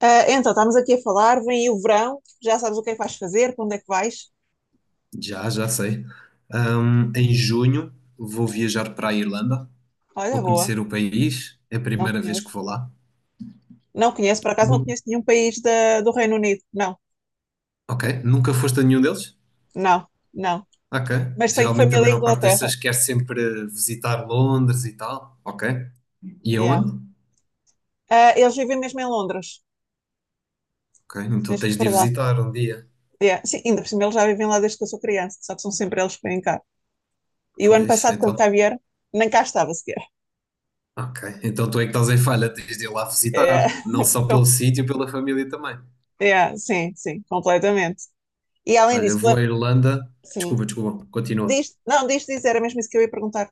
Ah, então, estamos aqui a falar, vem aí o verão, já sabes o que é que vais fazer, para onde é que vais? Já sei. Em junho vou viajar para a Irlanda, vou Olha, boa, conhecer o país, é a não primeira vez que conheço. vou lá. Não conheço, por acaso não Nu- conheço nenhum país do Reino Unido. Não, ok, nunca foste a nenhum deles? não, não. Ok. Mas tenho Geralmente a família em maior parte das Inglaterra. pessoas quer sempre visitar Londres e tal. Ok. E Yeah. aonde? Ah, eles vivem mesmo em Londres, Ok, então mesmo tens de ir por lá. visitar um dia. Yeah. Sim, ainda por cima eles já vivem lá desde que eu sou criança, só que são sempre eles que vêm cá. E o ano Pois, passado, quando então. cá vieram, nem cá estava sequer. Ok, então tu é que estás em falha, tens de ir lá Yeah. visitar, não só Com- pelo sítio, pela família também. yeah, sim, sim, completamente. E além Olha, disso, vou à Irlanda. sim, Desculpa, desculpa, continua. diz, não, diz dizer, era mesmo isso que eu ia perguntar.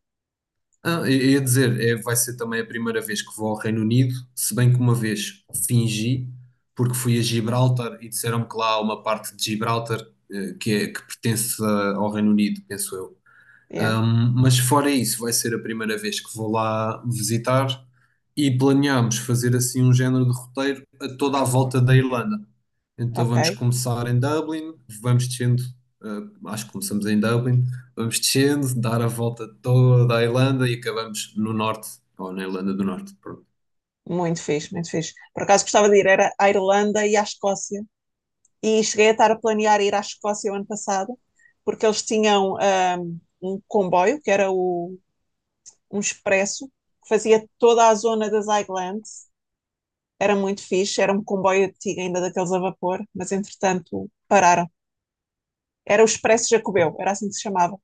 Ah, eu ia dizer, é, vai ser também a primeira vez que vou ao Reino Unido, se bem que uma vez fingi, porque fui a Gibraltar e disseram-me que lá há uma parte de Gibraltar que, é, que pertence ao Reino Unido, penso eu. Yeah. Mas fora isso, vai ser a primeira vez que vou lá visitar e planeámos fazer assim um género de roteiro a toda a volta da Irlanda. Então Ok, vamos começar em Dublin, vamos descendo, eh, acho que começamos em Dublin, vamos descendo, dar a volta toda a Irlanda e acabamos no norte, ou na Irlanda do Norte, pronto. muito fixe, muito fixe. Por acaso gostava de ir, era à Irlanda e à Escócia. E cheguei a estar a planear ir à Escócia o ano passado, porque eles tinham um comboio, um expresso, que fazia toda a zona das Highlands. Era muito fixe, era um comboio antigo ainda daqueles a vapor, mas entretanto pararam. Era o Expresso Jacobeu, era assim que se chamava.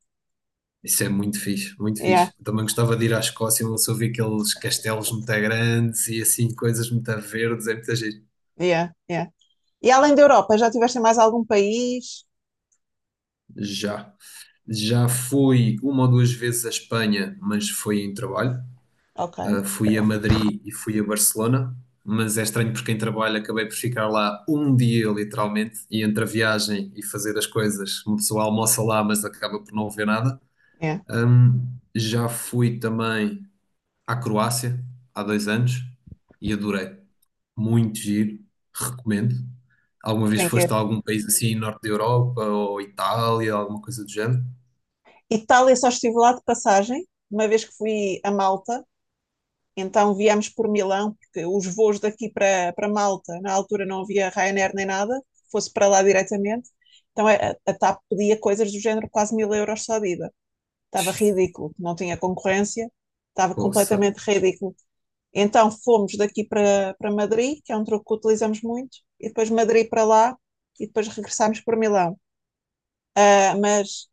Isso é muito fixe, muito Yeah, fixe. Eu também gostava de ir à Escócia, onde só vi aqueles castelos muito grandes e assim, coisas muito verdes, é muito giro. yeah, yeah. E além da Europa, já tiveste em mais algum país? Já. Já fui uma ou duas vezes à Espanha, mas foi em trabalho. Ok, Fui a Madrid e fui a Barcelona, mas é estranho porque quem trabalha acabei por ficar lá um dia, literalmente, e entre a viagem e fazer as coisas, uma pessoa almoça lá, mas acaba por não ver nada. yeah, Já fui também à Croácia há 2 anos e adorei. Muito giro, recomendo. Alguma vez tem que foste a ir. algum país assim, norte da Europa ou Itália, alguma coisa do género? Itália só estive lá de passagem, uma vez que fui a Malta, então viemos por Milão, porque os voos daqui para Malta, na altura não havia Ryanair nem nada, fosse para lá diretamente. Então é, a TAP pedia coisas do género quase 1.000 euros só de ida. Estava ridículo, não tinha concorrência, estava Poça, completamente ridículo. Então fomos daqui para Madrid, que é um truque que utilizamos muito, e depois Madrid para lá, e depois regressámos para Milão. Ah, mas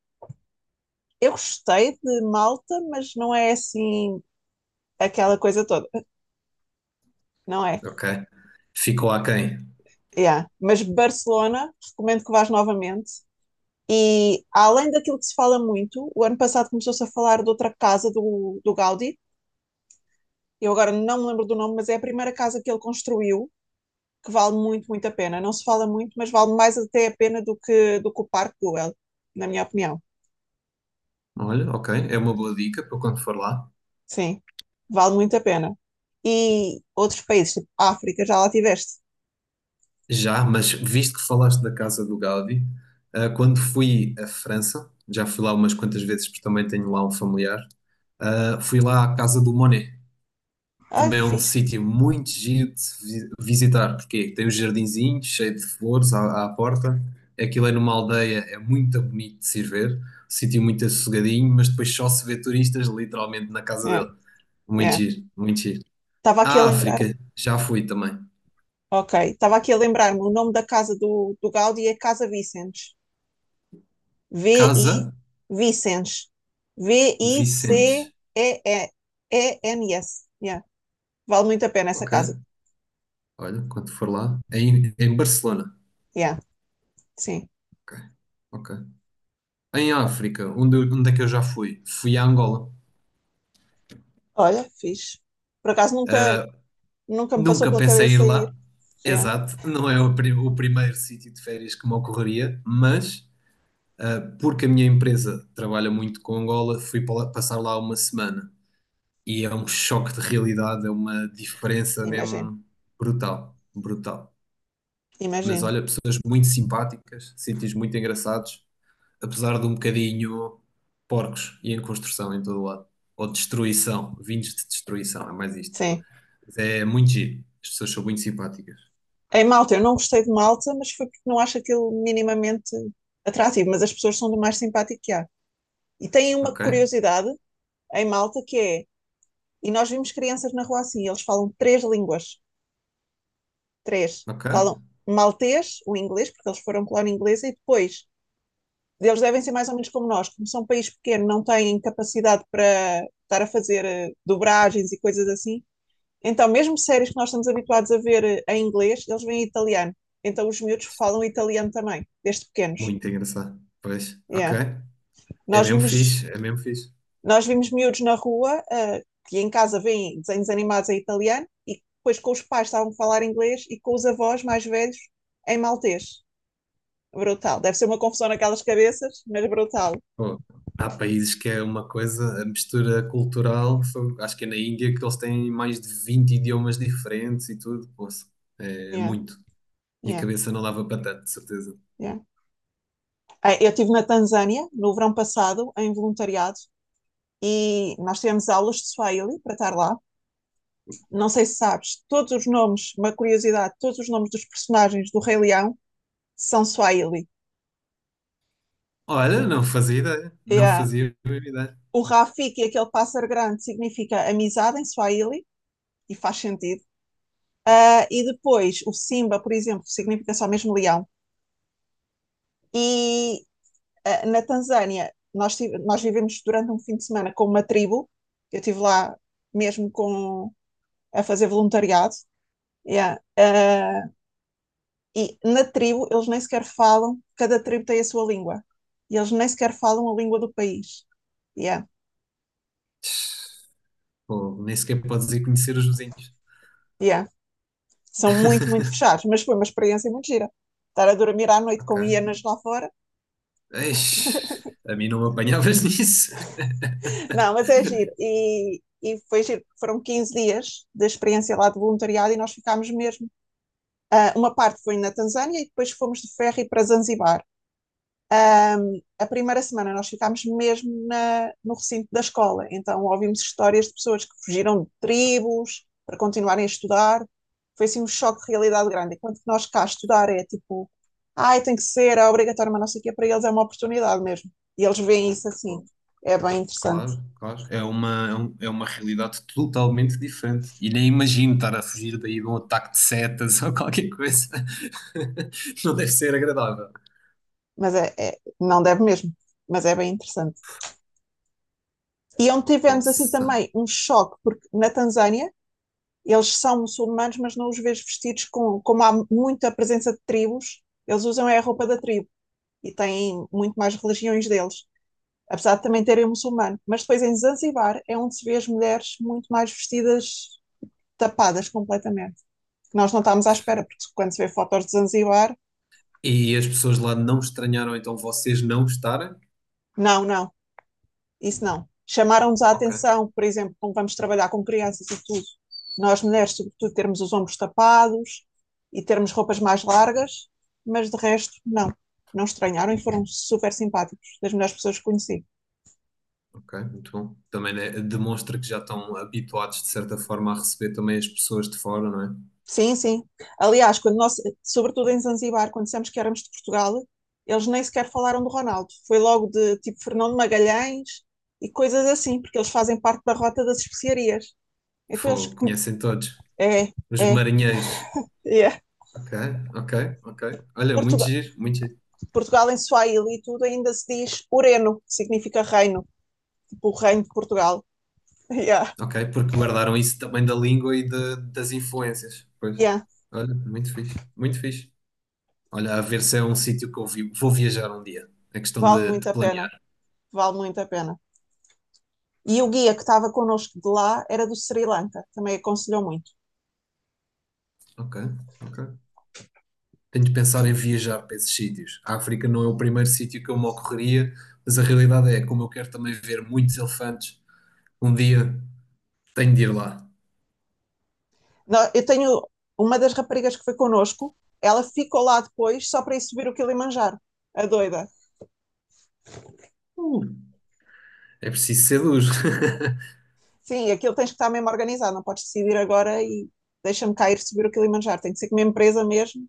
eu gostei de Malta, mas não é assim aquela coisa toda, não é? ok. Ficou aquém. Yeah. Mas Barcelona, recomendo que vás novamente. E além daquilo que se fala muito, o ano passado começou-se a falar de outra casa do Gaudí. Eu agora não me lembro do nome, mas é a primeira casa que ele construiu, que vale muito, muito a pena. Não se fala muito, mas vale mais até a pena do que o Parque Güell, na minha opinião. Olha, ok, é uma boa dica para quando for lá. Sim, vale muito a pena. E outros países, tipo África, já lá tiveste. Já, mas visto que falaste da casa do Gaudi, quando fui à França, já fui lá umas quantas vezes porque também tenho lá um familiar, fui lá à casa do Monet. Ai, Também é um fiz. sítio muito giro de se visitar, porque tem os jardinzinhos cheio de flores à porta. Aquilo é numa aldeia, é muito bonito de se ir ver, sítio muito assossegadinho, mas depois só se vê turistas literalmente na casa É, dele. Muito é. giro, muito giro. Estava aqui a À lembrar África, já fui também. Ok, estava aqui a lembrar-me, o nome da casa do Gaudi é Casa Vicens. V-I Casa Vicens. Vicentes. VICEENS. Yeah. Vale muito a pena essa Ok. casa. Olha, quando for lá, é em Barcelona. Yeah, sim. Ok. Ok. Em África, onde, onde é que eu já fui? Fui a Angola. Olha, fixe. Por acaso nunca me passou Nunca pela pensei em ir cabeça ir. lá. É, Exato, não é o, o primeiro sítio de férias que me ocorreria, mas porque a minha empresa trabalha muito com Angola, fui passar lá uma semana e é um choque de realidade, é uma diferença imagino, mesmo brutal, brutal. Mas imagino. olha, pessoas muito simpáticas, sítios muito engraçados. Apesar de um bocadinho porcos e em construção em todo o lado. Ou destruição, vindos de destruição, é mais isto. Sim. Mas é muito giro. As pessoas são muito simpáticas. Em Malta, eu não gostei de Malta, mas foi porque não acho aquilo minimamente atrativo, mas as pessoas são do mais simpático que há. E têm uma Ok? curiosidade em Malta que é. E nós vimos crianças na rua assim, eles falam três línguas, três. Ok? Falam maltês, o inglês, porque eles foram colónia inglesa, e depois eles devem ser mais ou menos como nós, como são um país pequeno, não têm capacidade para estar a fazer dobragens e coisas assim. Então, mesmo séries que nós estamos habituados a ver em inglês, eles vêm em italiano. Então, os miúdos falam italiano também, desde pequenos. Muito engraçado. Pois, ok. Yeah. É Nós mesmo vimos fixe, é mesmo fixe. Nós vimos miúdos na rua que em casa veem desenhos animados em italiano e depois com os pais estavam a falar inglês e com os avós mais velhos em maltês. Brutal. Deve ser uma confusão naquelas cabeças, mas brutal. Pô, há países que é uma coisa, a mistura cultural, acho que é na Índia que eles têm mais de 20 idiomas diferentes e tudo. Pô, é Yeah, muito. Minha yeah, cabeça não dava para tanto, de certeza. yeah. Eu estive na Tanzânia no verão passado em voluntariado e nós tivemos aulas de Swahili para estar lá. Não sei se sabes, todos os nomes, uma curiosidade, todos os nomes dos personagens do Rei Leão são Swahili. Olha, não fazia ideia. Não É. fazia a mínima ideia. O Rafiki, aquele pássaro grande, significa amizade em Swahili e faz sentido. Ah, e depois o Simba, por exemplo, significa só mesmo leão. E na Tanzânia, nós vivemos durante um fim de semana com uma tribo. Eu estive lá mesmo com, a fazer voluntariado. Yeah. Ah, e na tribo, eles nem sequer falam, cada tribo tem a sua língua. E eles nem sequer falam a língua do país. Yeah. Pô, nem sequer podes ir conhecer os vizinhos. Yeah. São muito, muito fechados, mas foi uma experiência muito gira. Estar a dormir à noite com Ok. hienas lá fora. Eish, a mim não me apanhavas nisso. Não, mas é giro. E foi giro, foram 15 dias da experiência lá de voluntariado e nós ficámos mesmo. Uma parte foi na Tanzânia e depois fomos de ferry para Zanzibar. A primeira semana nós ficámos mesmo na, no recinto da escola, então ouvimos histórias de pessoas que fugiram de tribos para continuarem a estudar. Foi assim um choque de realidade grande. Enquanto que nós cá estudar é tipo, ai, tem que ser, é obrigatório, mas não sei o quê, para eles é uma oportunidade mesmo. E eles veem isso assim. Pô, É bem interessante, claro, claro. É uma, é é uma realidade totalmente diferente. E nem imagino estar a fugir daí de um ataque de setas ou qualquer coisa. Não deve ser agradável. mas é não deve mesmo, mas é bem interessante. E é onde tivemos assim Poxa. também um choque, porque na Tanzânia eles são muçulmanos, mas não os vejo vestidos com, como há muita presença de tribos, eles usam é a roupa da tribo e têm muito mais religiões deles, apesar de também terem muçulmano. Mas depois em Zanzibar é onde se vê as mulheres muito mais vestidas, tapadas completamente. Nós não estávamos à espera, porque quando se vê fotos de Zanzibar, E as pessoas lá não estranharam então vocês não estarem? não, não, isso não. Chamaram-nos a Ok, atenção, por exemplo, como vamos trabalhar com crianças e tudo, nós mulheres, sobretudo, termos os ombros tapados e termos roupas mais largas, mas de resto, não. Não estranharam e foram super simpáticos, das melhores pessoas que conheci. ok, muito bom. Também né, demonstra que já estão habituados de certa forma a receber também as pessoas de fora, não é? Sim, sim. Aliás, quando nós, sobretudo em Zanzibar, quando dissemos que éramos de Portugal, eles nem sequer falaram do Ronaldo. Foi logo de tipo Fernando Magalhães e coisas assim, porque eles fazem parte da rota das especiarias. Então eles. Pô, conhecem todos. É, Os é, marinheiros. é. Ok, ok, ok. Olha, muito Portugal giro, muito giro. Portugal em Swahili e tudo ainda se diz Ureno, que significa reino, tipo o reino de Portugal. Yeah, Ok, porque guardaram isso também da língua e das influências. Pois. yeah, Olha, muito fixe, muito fixe. Olha, a ver se é um sítio que eu vou viajar um dia. É questão vale de muito a pena, planear. vale muito a pena. E o guia que estava connosco de lá era do Sri Lanka, também aconselhou muito. Ok, ok. Tenho de pensar em viajar para esses sítios. A África não é o primeiro sítio que eu me ocorreria, mas a realidade é, como eu quero também ver muitos elefantes, um dia tenho de ir lá. Eu tenho uma das raparigas que foi connosco, ela ficou lá depois só para ir subir o Kilimanjaro, a doida. Uh, é preciso ser duro. Sim, aquilo tens que estar mesmo organizado, não podes decidir agora e deixa-me cair subir o Kilimanjaro, tem que ser com uma empresa mesmo,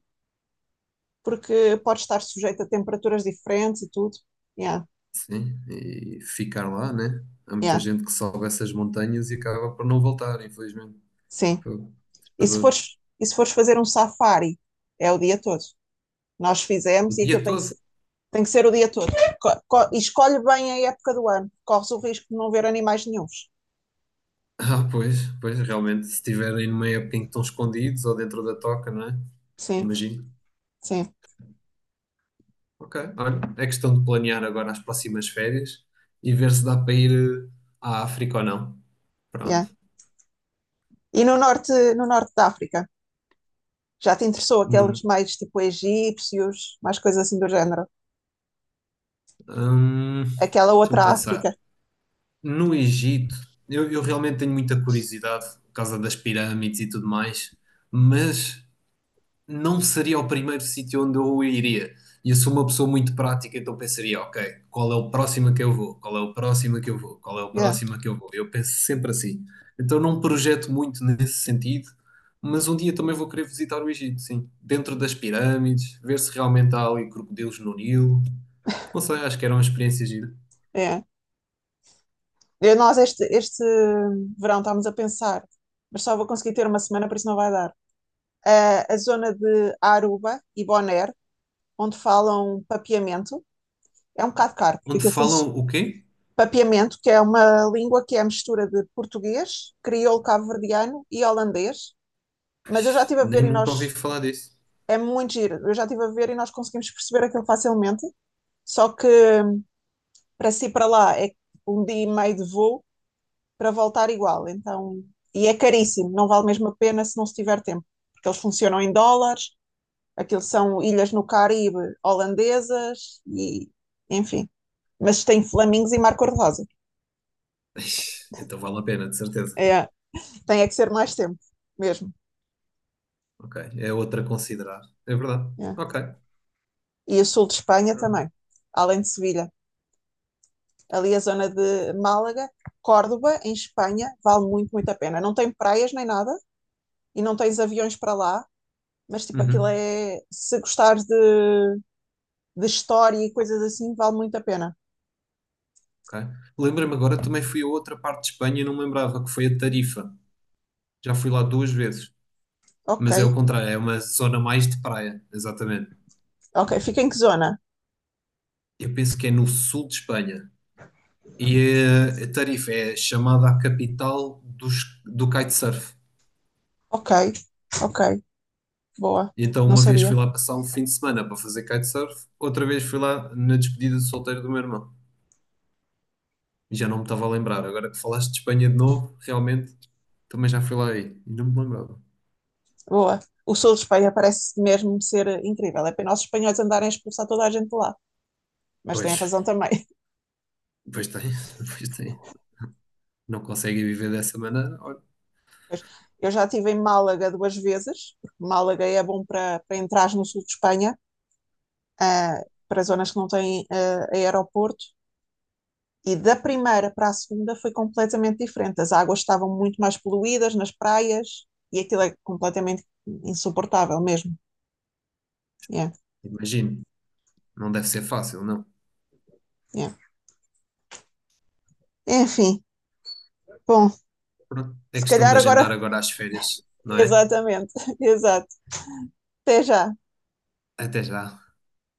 porque pode estar sujeito a temperaturas diferentes e tudo. Yeah, Sim, e ficar lá, né? Há muita yeah. gente que sobe essas montanhas e acaba por não voltar, infelizmente. Sim. Pô, E se assustador. fores, e se fores fazer um safari, é o dia todo. Nós O fizemos e aquilo dia todo. Tem que ser o dia todo. E escolhe bem a época do ano. Corres o risco de não ver animais nenhuns. Ah, pois, pois, realmente, se estiverem numa época em que estão escondidos ou dentro da toca, não é? Sim, Imagino. sim. Ok, olha, é questão de planear agora as próximas férias e ver se dá para ir à África ou não. Pronto. Yeah. E no norte da África? Já te interessou Hum, aqueles mais tipo egípcios, mais coisas assim do género? hum, Aquela Deixa-me outra pensar. África. No Egito, eu realmente tenho muita curiosidade por causa das pirâmides e tudo mais, mas não seria o primeiro sítio onde eu iria. E eu sou uma pessoa muito prática, então pensaria, ok, qual é o próximo que eu vou? Qual é o próximo que eu vou? Qual é o Yeah, próximo que eu vou? Eu penso sempre assim. Então não projeto muito nesse sentido, mas um dia também vou querer visitar o Egito, sim. Dentro das pirâmides, ver se realmente há ali crocodilos no Nilo. Não sei, acho que era uma experiência gira. yeah. E nós este verão estávamos a pensar, mas só vou conseguir ter uma semana, por isso não vai dar. Ah, a zona de Aruba e Bonaire onde falam papiamento. É um bocado caro, porque Onde aquilo funciona. falam o quê? Papiamento, que é uma língua que é a mistura de português, crioulo cabo-verdiano e holandês. Mas eu já estive a Nem ver e nunca ouvi nós. falar disso. É muito giro. Eu já estive a ver e nós conseguimos perceber aquilo facilmente. Só que para si para lá é um dia e meio de voo para voltar igual. Então, e é caríssimo, não vale mesmo a pena se não se tiver tempo, porque eles funcionam em dólares, aquilo são ilhas no Caribe holandesas e enfim, mas tem flamingos e mar cor-de-rosa. Ixi, então vale a pena, de certeza. É, tem é que ser mais tempo, mesmo. Ok. É outra a considerar. É verdade. É. Ok. E o sul de Espanha também, além de Sevilha. Ali a zona de Málaga, Córdoba, em Espanha, vale muito, muito a pena. Não tem praias nem nada, e não tens aviões para lá, mas tipo, aquilo Uhum. é. Se gostares de história e coisas assim, vale muito a pena. Ok. Lembra-me agora, também fui a outra parte de Espanha e não me lembrava, que foi a Tarifa. Já fui lá duas vezes. Ok, Mas é o contrário, é uma zona mais de praia, exatamente. ok. Fica em que zona? Eu penso que é no sul de Espanha. E eh, a Tarifa é chamada a capital dos, do kitesurf. Ok, ok. Boa, E então, não uma vez fui sabia. lá passar um fim de semana para fazer kitesurf, outra vez fui lá na despedida de solteiro do meu irmão. Já não me estava a lembrar. Agora que falaste de Espanha de novo, realmente também já fui lá aí e não me lembrava. Boa. O sul de Espanha parece mesmo ser incrível. É pena os espanhóis andarem a expulsar toda a gente de lá. Mas têm Pois, razão também. pois tem, pois tem. Não conseguem viver dessa maneira? Olha, Mas eu já estive em Málaga duas vezes, porque Málaga é bom para entrar no sul de Espanha, ah, para zonas que não têm aeroporto. E da primeira para a segunda foi completamente diferente. As águas estavam muito mais poluídas nas praias e aquilo é completamente insuportável mesmo. Yeah, imagino, não deve ser fácil, não. yeah. Enfim, bom, Pronto, é se questão calhar de agendar agora. agora as férias, não é? Exatamente, exato. Até já. Até já.